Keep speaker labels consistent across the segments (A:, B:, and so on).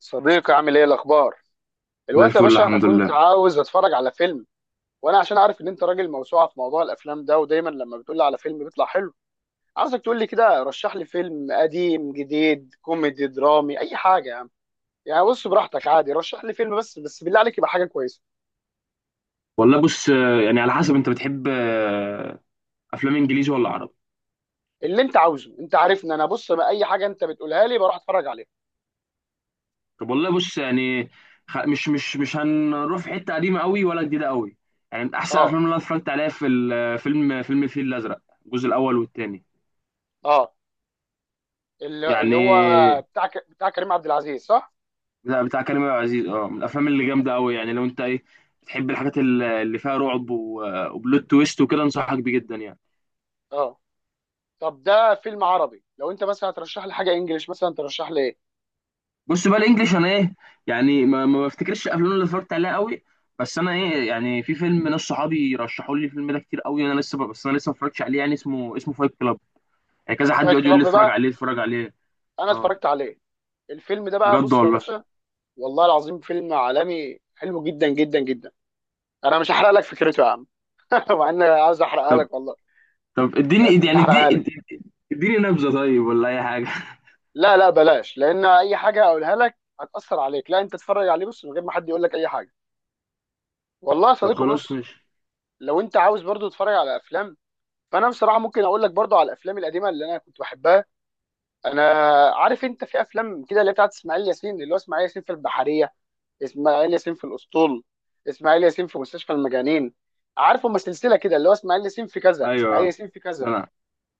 A: صديقي عامل ايه الاخبار
B: زي
A: الوقت يا
B: الفل
A: باشا؟ انا
B: الحمد
A: كنت
B: لله.
A: عاوز اتفرج على فيلم، وانا عشان عارف ان انت راجل موسوعه في موضوع الافلام ده، ودايما لما بتقول لي على فيلم بيطلع حلو. عاوزك تقول لي كده، رشح لي فيلم قديم، جديد، كوميدي، درامي، اي حاجه يا عم. بص براحتك، عادي، رشح لي فيلم، بس بالله عليك يبقى حاجه كويسه.
B: والله بص يعني على حسب انت بتحب افلام انجليزي ولا عربي؟
A: اللي انت عاوزه، انت عارفني انا، بص بقى اي حاجه انت بتقولها لي بروح اتفرج عليها.
B: طب والله بص، يعني مش هنروح في حته قديمه قوي ولا جديده قوي. يعني من احسن الافلام
A: اه.
B: اللي انا اتفرجت عليها فيلم الفيل الازرق، الجزء الاول والثاني.
A: اه. اللي هو
B: يعني
A: بتاع كريم عبد العزيز، صح؟
B: بتاع كريم عبد العزيز، اه، من الافلام اللي
A: اه.
B: جامده قوي. يعني لو انت، ايه، بتحب الحاجات اللي فيها رعب وبلوت تويست وكده، انصحك بيه جدا يعني.
A: آه. طب ده فيلم عربي، لو انت مثلا هترشح لي حاجه انجليش مثلا ترشح لي ايه؟
B: بص بقى الانجليش، انا ايه، يعني ما بفتكرش الافلام اللي اتفرجت عليها قوي. بس انا ايه، يعني في فيلم ناس صحابي رشحوا لي الفيلم ده كتير قوي، انا لسه ما اتفرجتش عليه، يعني اسمه فايت كلاب. يعني كذا حد
A: فايت
B: يقعد يقول
A: كلاب
B: لي: اتفرج
A: بقى؟
B: عليه، اتفرج عليه.
A: انا
B: اه،
A: اتفرجت عليه. الفيلم ده بقى
B: بجد
A: بص يا
B: والله.
A: باشا، والله العظيم فيلم عالمي حلو جدا جدا جدا. انا مش هحرق لك فكرته يا عم. مع ان أنا عايز احرقها
B: طب
A: لك والله.
B: طب اديني
A: بس مش
B: يعني اديني
A: هحرقها لك.
B: اديني اديني نبذه طيب، ولا اي حاجه؟
A: لا لا، بلاش، لان اي حاجه اقولها لك هتاثر عليك. لا انت اتفرج عليه بص من غير ما حد يقول لك اي حاجه. والله يا
B: طب
A: صديقي
B: خلاص
A: بص،
B: ماشي.
A: لو انت عاوز برضو تتفرج على افلام، فانا بصراحه ممكن اقول لك برضو على الافلام القديمه اللي انا كنت بحبها انا. عارف انت في افلام كده اللي هي بتاعت اسماعيل ياسين، اللي هو اسماعيل ياسين في البحريه، اسماعيل ياسين في الاسطول، اسماعيل ياسين في مستشفى المجانين. عارف هم سلسله كده اللي هو اسماعيل ياسين في كذا، اسماعيل
B: ايوه.
A: ياسين في
B: لا،
A: كذا.
B: لا،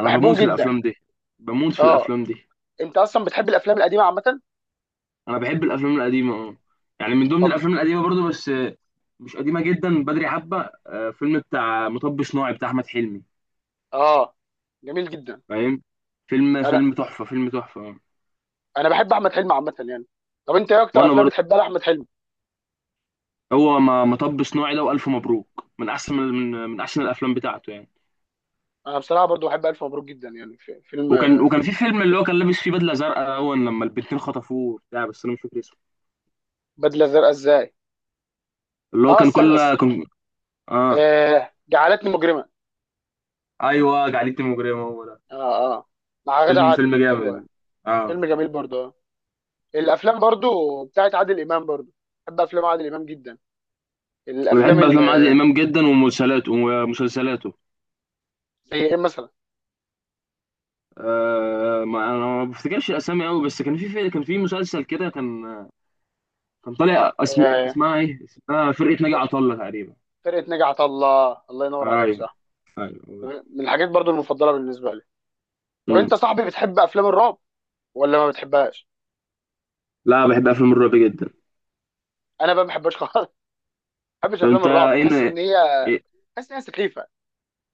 B: انا
A: بحبهم
B: بموت في
A: جدا.
B: الافلام دي. بموت في
A: اه.
B: الافلام دي.
A: انت اصلا بتحب الافلام القديمه عامه؟
B: انا بحب الافلام القديمه، اه. يعني من ضمن
A: طب.
B: الافلام القديمه برضو، بس مش قديمه جدا، بدري حبه، فيلم بتاع مطب صناعي بتاع احمد حلمي.
A: اه، جميل جدا.
B: فاهم؟ فيلم
A: انا
B: فيلم تحفه، فيلم تحفه. آه.
A: بحب احمد حلمي عامه طب انت ايه اكتر
B: وانا
A: افلام
B: برضو.
A: بتحبها لاحمد حلمي؟
B: هو مطب صناعي ده والف مبروك، من احسن الافلام بتاعته يعني.
A: انا بصراحه برضو بحب الف مبروك جدا، في فيلم.
B: وكان في فيلم اللي هو كان لابس فيه بدله زرقاء اول لما البنتين خطفوه بتاع، بس انا مش فاكر اسمه،
A: بدله زرقاء ازاي؟
B: اللي هو
A: اه،
B: كان
A: استنى
B: كل
A: استنى.
B: كان اه.
A: آه، جعلتني مجرما.
B: ايوه، جعلتني مجرمه، هو ده.
A: اه اه، مع غادة
B: فيلم
A: عادل،
B: فيلم
A: ايوه.
B: جامد. اه،
A: فيلم جميل
B: اه.
A: برضو. الافلام برضو بتاعت عادل امام برضو، بحب افلام عادل امام جدا.
B: انا
A: الافلام
B: بحب افلام عادل
A: ال-
B: امام جدا، ومسلسلاته ومسلسلاته.
A: زي ايه مثلا؟
B: ما انا ما بفتكرش الاسامي قوي، بس كان في مسلسل كده، كان طالع،
A: آه،
B: اسمها فرقه ناجي عطا الله تقريبا.
A: فرقه نجا الله، الله ينور عليك،
B: ايوه.
A: صح.
B: ايوه.
A: من الحاجات برضو المفضله بالنسبه لي. لو
B: مم.
A: انت صاحبي، بتحب افلام الرعب ولا ما بتحبهاش؟
B: لا، بحب افلام الرعب جدا.
A: انا بقى ما بحبهاش خالص، ما بحبش
B: طب
A: افلام
B: انت
A: الرعب، بحس
B: ايه؟
A: ان
B: إيه-
A: بحس ان هي سخيفه.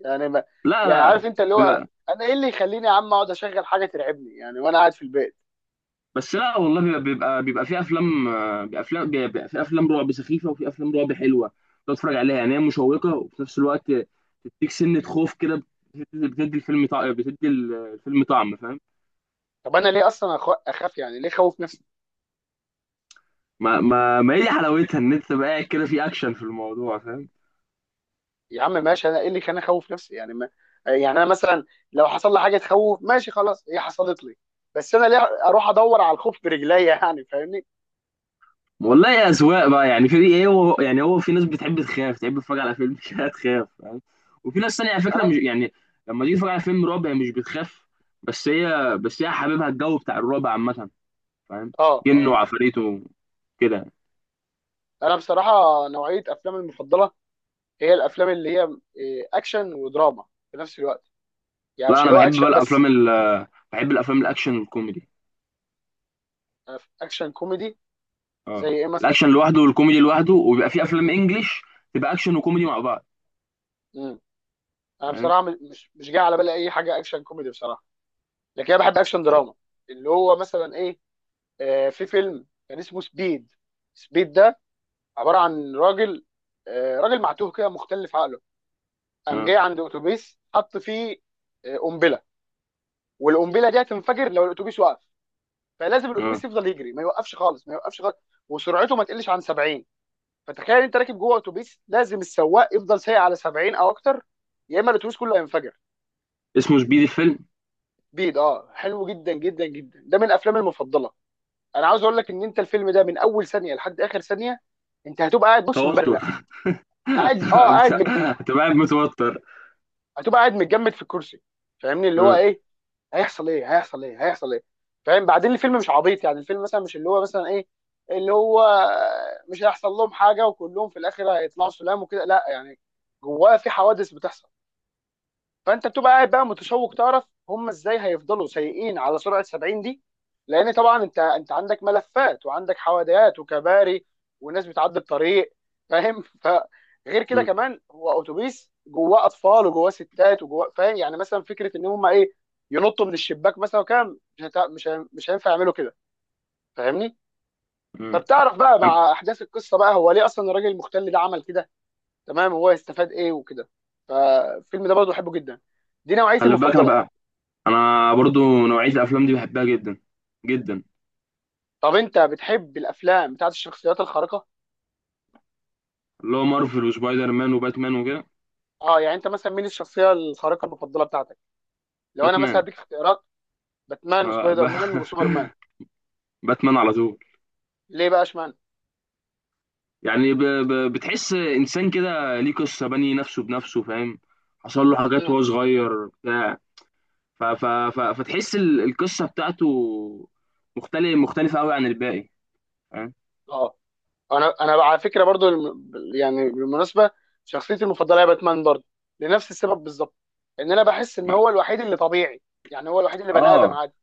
A: يعني ما...
B: لا.
A: عارف
B: لا.
A: انت اللي هو انا ايه اللي يخليني يا عم اقعد اشغل حاجه ترعبني يعني وانا قاعد في البيت.
B: بس لا والله، بيبقى في افلام رعب سخيفه، وفي افلام رعب حلوه. تقعد تتفرج عليها، يعني هي مشوقه وفي نفس الوقت تديك سنه خوف كده. بتدي الفيلم طعم، الفيلم طعم، فاهم؟
A: طب انا ليه اصلا اخاف؟ يعني ليه خوف نفسي؟
B: ما هي دي حلاوتها، ان انت تبقى قاعد كده في اكشن في الموضوع، فاهم؟
A: يا عم ماشي، انا ايه اللي كان اخوف نفسي؟ يعني ما انا مثلا لو حصل لي حاجه تخوف، ماشي خلاص، هي حصلت لي، بس انا ليه اروح ادور على الخوف برجليا؟ يعني فاهمني.
B: والله يا اذواق بقى، يعني في ايه؟ هو يعني هو في ناس بتحب تخاف، تحب تتفرج على فيلم كده تخاف، فاهم؟ وفي ناس تانية، على فكره،
A: انا.
B: مش يعني، لما تيجي تتفرج على فيلم رعب هي مش بتخاف، بس هي حاببها الجو بتاع الرعب عامه، فاهم؟
A: اه
B: جن
A: اه.
B: وعفاريت وكده.
A: انا بصراحه نوعيه افلامي المفضله هي الافلام اللي هي اكشن ودراما في نفس الوقت، يعني
B: لا،
A: مش
B: انا
A: اللي هو
B: بحب بقى
A: اكشن بس.
B: الافلام ال بحب الافلام الاكشن والكوميدي.
A: اكشن كوميدي
B: اه.
A: زي ايه مثلا؟
B: الاكشن لوحده والكوميدي لوحده، وبيبقى في افلام انجليش تبقى اكشن وكوميدي مع بعض.
A: امم. انا
B: فاهم.
A: بصراحه مش جاي على بالي اي حاجه اكشن كوميدي بصراحه، لكن انا بحب اكشن
B: هو
A: دراما اللي هو مثلا ايه؟ آه، في فيلم كان اسمه سبيد. سبيد ده عباره عن راجل، آه، راجل معتوه كده مختل في عقله، قام
B: اه،
A: جاي عند اتوبيس حط فيه، آه، قنبله، والقنبله دي هتنفجر لو الاتوبيس وقف. فلازم
B: اه.
A: الاتوبيس يفضل يجري، ما يوقفش خالص، ما يوقفش خالص، وسرعته ما تقلش عن 70. فتخيل انت راكب جوه اتوبيس لازم السواق يفضل سايق على 70 او اكتر، يا اما الاتوبيس كله هينفجر.
B: اسمه سبيد الفيلم؟
A: بيض، اه، حلو جدا جدا جدا، ده من افلامي المفضله. انا عاوز اقول لك ان انت الفيلم ده من اول ثانيه لحد اخر ثانيه، انت هتبقى قاعد بص مبرق،
B: توتر
A: قاعد، اه، قاعد،
B: هتبقى هتبقى قاعد متوتر.
A: هتبقى قاعد متجمد في الكرسي. فاهمني اللي هو
B: اه،
A: ايه هيحصل، ايه هيحصل، ايه هيحصل. ايه فاهم؟ بعدين الفيلم مش عبيط، يعني الفيلم مثلا مش اللي هو مثلا ايه، اللي هو مش هيحصل لهم حاجه وكلهم في الاخر هيطلعوا سلام وكده، لا يعني. جواه في حوادث بتحصل، فانت بتبقى قاعد بقى متشوق تعرف هم ازاي هيفضلوا سايقين على سرعه 70 دي، لان طبعا انت عندك ملفات وعندك حواديات وكباري وناس بتعدي الطريق، فاهم؟ فغير كده
B: اه،
A: كمان هو اتوبيس جواه اطفال وجواه ستات وجواه، فاهم يعني مثلا فكره ان هم ايه ينطوا من الشباك مثلا، وكام مش هتع... مش ه... مش هينفع يعملوا كده، فاهمني؟
B: اه.
A: فبتعرف بقى مع احداث القصه بقى هو ليه اصلا الراجل المختل ده عمل كده، تمام، هو يستفاد ايه وكده. فالفيلم ده برضه بحبه جدا، دي نوعيتي
B: خلي بالك انا
A: المفضله.
B: بقى، انا برضو نوعيه الافلام دي بحبها جدا، جدا.
A: طب انت بتحب الافلام بتاعت الشخصيات الخارقه؟
B: اللي هو مارفل وسبايدر مان وباتمان وكده؟
A: اه، يعني انت مثلا مين الشخصيه الخارقه المفضله بتاعتك؟ لو انا مثلا
B: باتمان.
A: اديك اختيارات، باتمان
B: آه، ب-
A: وسبايدر مان وسوبر مان.
B: باتمان على طول.
A: ليه بقى، اشمعنى؟
B: يعني بتحس انسان كده، ليه؟ قصه بني نفسه بنفسه، فاهم؟ حصل له حاجات
A: مم.
B: وهو صغير بتاع. فتحس القصه بتاعته مختلفه قوي عن الباقي، فاهم؟
A: اه، انا على فكره برضو يعني بالمناسبه شخصيتي المفضله هي باتمان برضو، لنفس السبب بالظبط، ان انا بحس ان هو الوحيد اللي طبيعي، يعني هو الوحيد اللي بني ادم
B: اه.
A: عادي.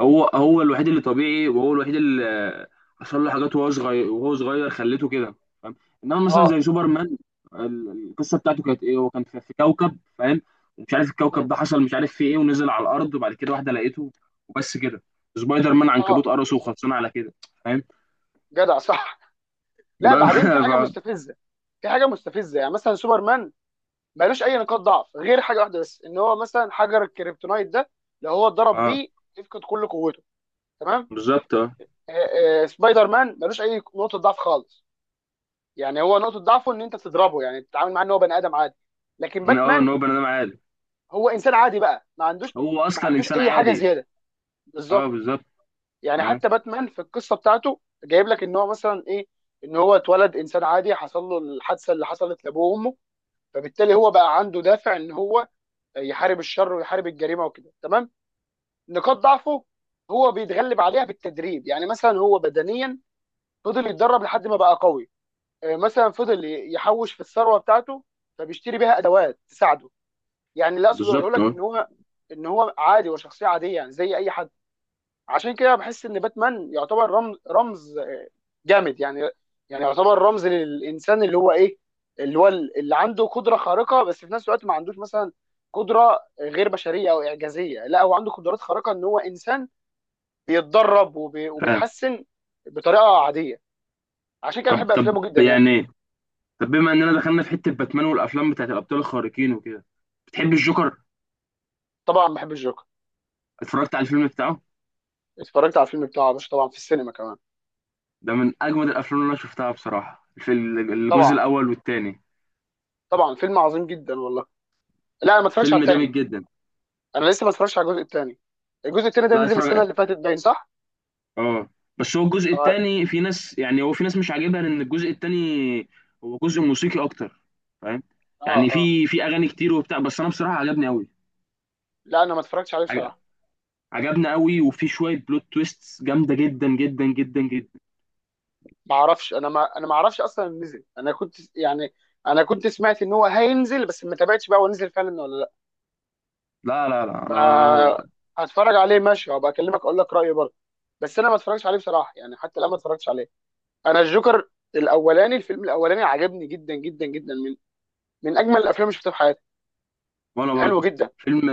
B: هو الوحيد اللي طبيعي، وهو الوحيد اللي حصل له حاجات وهو صغير، خلته كده، فاهم؟ انما مثلا
A: اه.
B: زي سوبرمان، القصه بتاعته كانت ايه؟ هو كان في كوكب، فاهم؟ ومش عارف الكوكب
A: مم.
B: ده حصل، مش عارف فيه ايه، ونزل على الارض، وبعد كده واحده لقيته. وبس كده. سبايدر مان
A: اه،
B: عنكبوت قرصه،
A: بالظبط.
B: وخلصنا على كده. فاهم.
A: جدع، صح. لا
B: بقى
A: بعدين في حاجه
B: ف...
A: مستفزه. في حاجه مستفزه، يعني مثلا سوبر مان مالوش اي نقاط ضعف غير حاجه واحده بس، ان هو مثلا حجر الكريبتونايت ده لو هو اتضرب
B: اه،
A: بيه يفقد كل قوته، تمام.
B: بالظبط. اه،
A: آه، آه، سبايدر مان مالوش اي نقطه ضعف خالص، يعني هو نقطه ضعفه ان انت تضربه، يعني تتعامل معاه ان هو بني ادم عادي. لكن
B: ان
A: باتمان
B: هو بني ادم عادي.
A: هو انسان عادي بقى، ما عندوش،
B: هو
A: ما
B: اصلا
A: عندوش
B: انسان
A: اي حاجه
B: عادي.
A: زياده،
B: اه،
A: بالظبط.
B: بالظبط.
A: يعني
B: اه،
A: حتى باتمان في القصه بتاعته جايب لك ان هو مثلا ايه، ان هو اتولد انسان عادي، حصل له الحادثه اللي حصلت لابوه وامه، فبالتالي هو بقى عنده دافع ان هو يحارب الشر ويحارب الجريمه وكده، تمام. نقاط ضعفه هو بيتغلب عليها بالتدريب، يعني مثلا هو بدنيا فضل يتدرب لحد ما بقى قوي. آه، مثلا فضل يحوش في الثروه بتاعته فبيشتري بيها ادوات تساعده. يعني اللي اقصد اقوله
B: بالظبط.
A: لك
B: اه،
A: ان ان هو عادي، هو شخصيه عاديه يعني زي اي حد. عشان كده بحس ان باتمان يعتبر رمز جامد يعني، يعني يعتبر رمز للانسان اللي هو ايه، اللي هو اللي عنده قدره خارقه بس في نفس الوقت ما عندوش مثلا قدره غير بشريه او اعجازيه. لا، هو عنده قدرات خارقه ان هو انسان بيتدرب
B: فاهم.
A: وبيتحسن بطريقه عاديه. عشان كده
B: طب
A: بحب
B: طب
A: افلامه جدا يعني.
B: يعني، طب بما اننا دخلنا في حته باتمان والافلام بتاعت الابطال الخارقين وكده، بتحب الجوكر؟
A: طبعا بحب الجوكر.
B: اتفرجت على الفيلم بتاعه؟
A: اتفرجت على الفيلم بتاعه يا باشا، طبعا، في السينما كمان.
B: ده من اجمد الافلام اللي انا شفتها بصراحه، في الجزء
A: طبعا.
B: الاول والثاني،
A: طبعا فيلم عظيم جدا والله. لا انا ما اتفرجتش على
B: فيلم جامد
A: التاني.
B: جدا.
A: انا لسه ما اتفرجتش على الجزء التاني. الجزء التاني ده
B: لا،
A: نزل السنه
B: اتفرج.
A: اللي فاتت، باين، صح؟
B: اه. بس هو الجزء
A: اه.
B: الثاني، في ناس مش عاجبها، لان الجزء الثاني هو جزء موسيقي اكتر، فاهم.
A: اه.
B: يعني
A: اه.
B: في اغاني كتير وبتاع، بس انا بصراحه عجبني قوي.
A: لا انا ما اتفرجتش عليه بصراحه.
B: عجبني قوي، وفي شويه بلوت تويستس جامده جدا جدا جدا جدا.
A: ما اعرفش، انا ما اعرفش اصلا إنه نزل، انا كنت يعني، انا كنت سمعت ان هو هينزل بس ما تابعتش بقى هو نزل فعلا ولا لا.
B: لا، لا، لا،
A: فا
B: انا.
A: هتفرج عليه ماشي وابقى اكلمك اقول لك رايي برضه. بس انا ما اتفرجتش عليه بصراحه، يعني حتى الان ما اتفرجتش عليه. انا الجوكر الاولاني، الفيلم الاولاني عجبني جدا جدا جدا، من من اجمل الافلام اللي شفتها في حياتي.
B: وانا
A: حلو
B: برضو.
A: جدا.
B: فيلم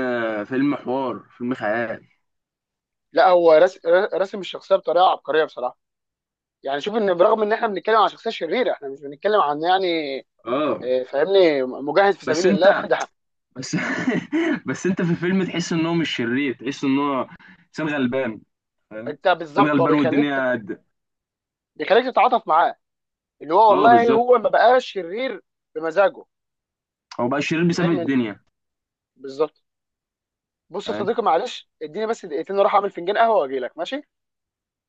B: فيلم حوار، فيلم خيال.
A: لا هو رسم الشخصيه بطريقه عبقريه بصراحه. يعني شوف ان برغم ان احنا بنتكلم عن شخصيه شريره، احنا مش بنتكلم عن يعني،
B: اه.
A: آه، فاهمني، مجاهد في
B: بس
A: سبيل الله
B: انت
A: ده.
B: بس بس انت في الفيلم تحس ان هو مش شرير، تحس ان هو انسان غلبان، فاهم؟
A: انت
B: انسان
A: بالظبط هو
B: غلبان والدنيا قد.
A: بيخليك تتعاطف معاه، اللي هو
B: اه،
A: والله
B: بالظبط.
A: هو ما بقاش شرير بمزاجه،
B: هو بقى شرير بسبب
A: فاهم؟
B: الدنيا.
A: بالظبط. بص يا
B: فاهم.
A: صديقي معلش اديني بس دقيقتين اروح اعمل فنجان قهوه واجي لك، ماشي؟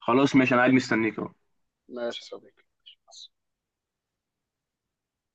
B: خلاص ماشي، انا قاعد مستنيك اهو.
A: ماشي يا صديقي.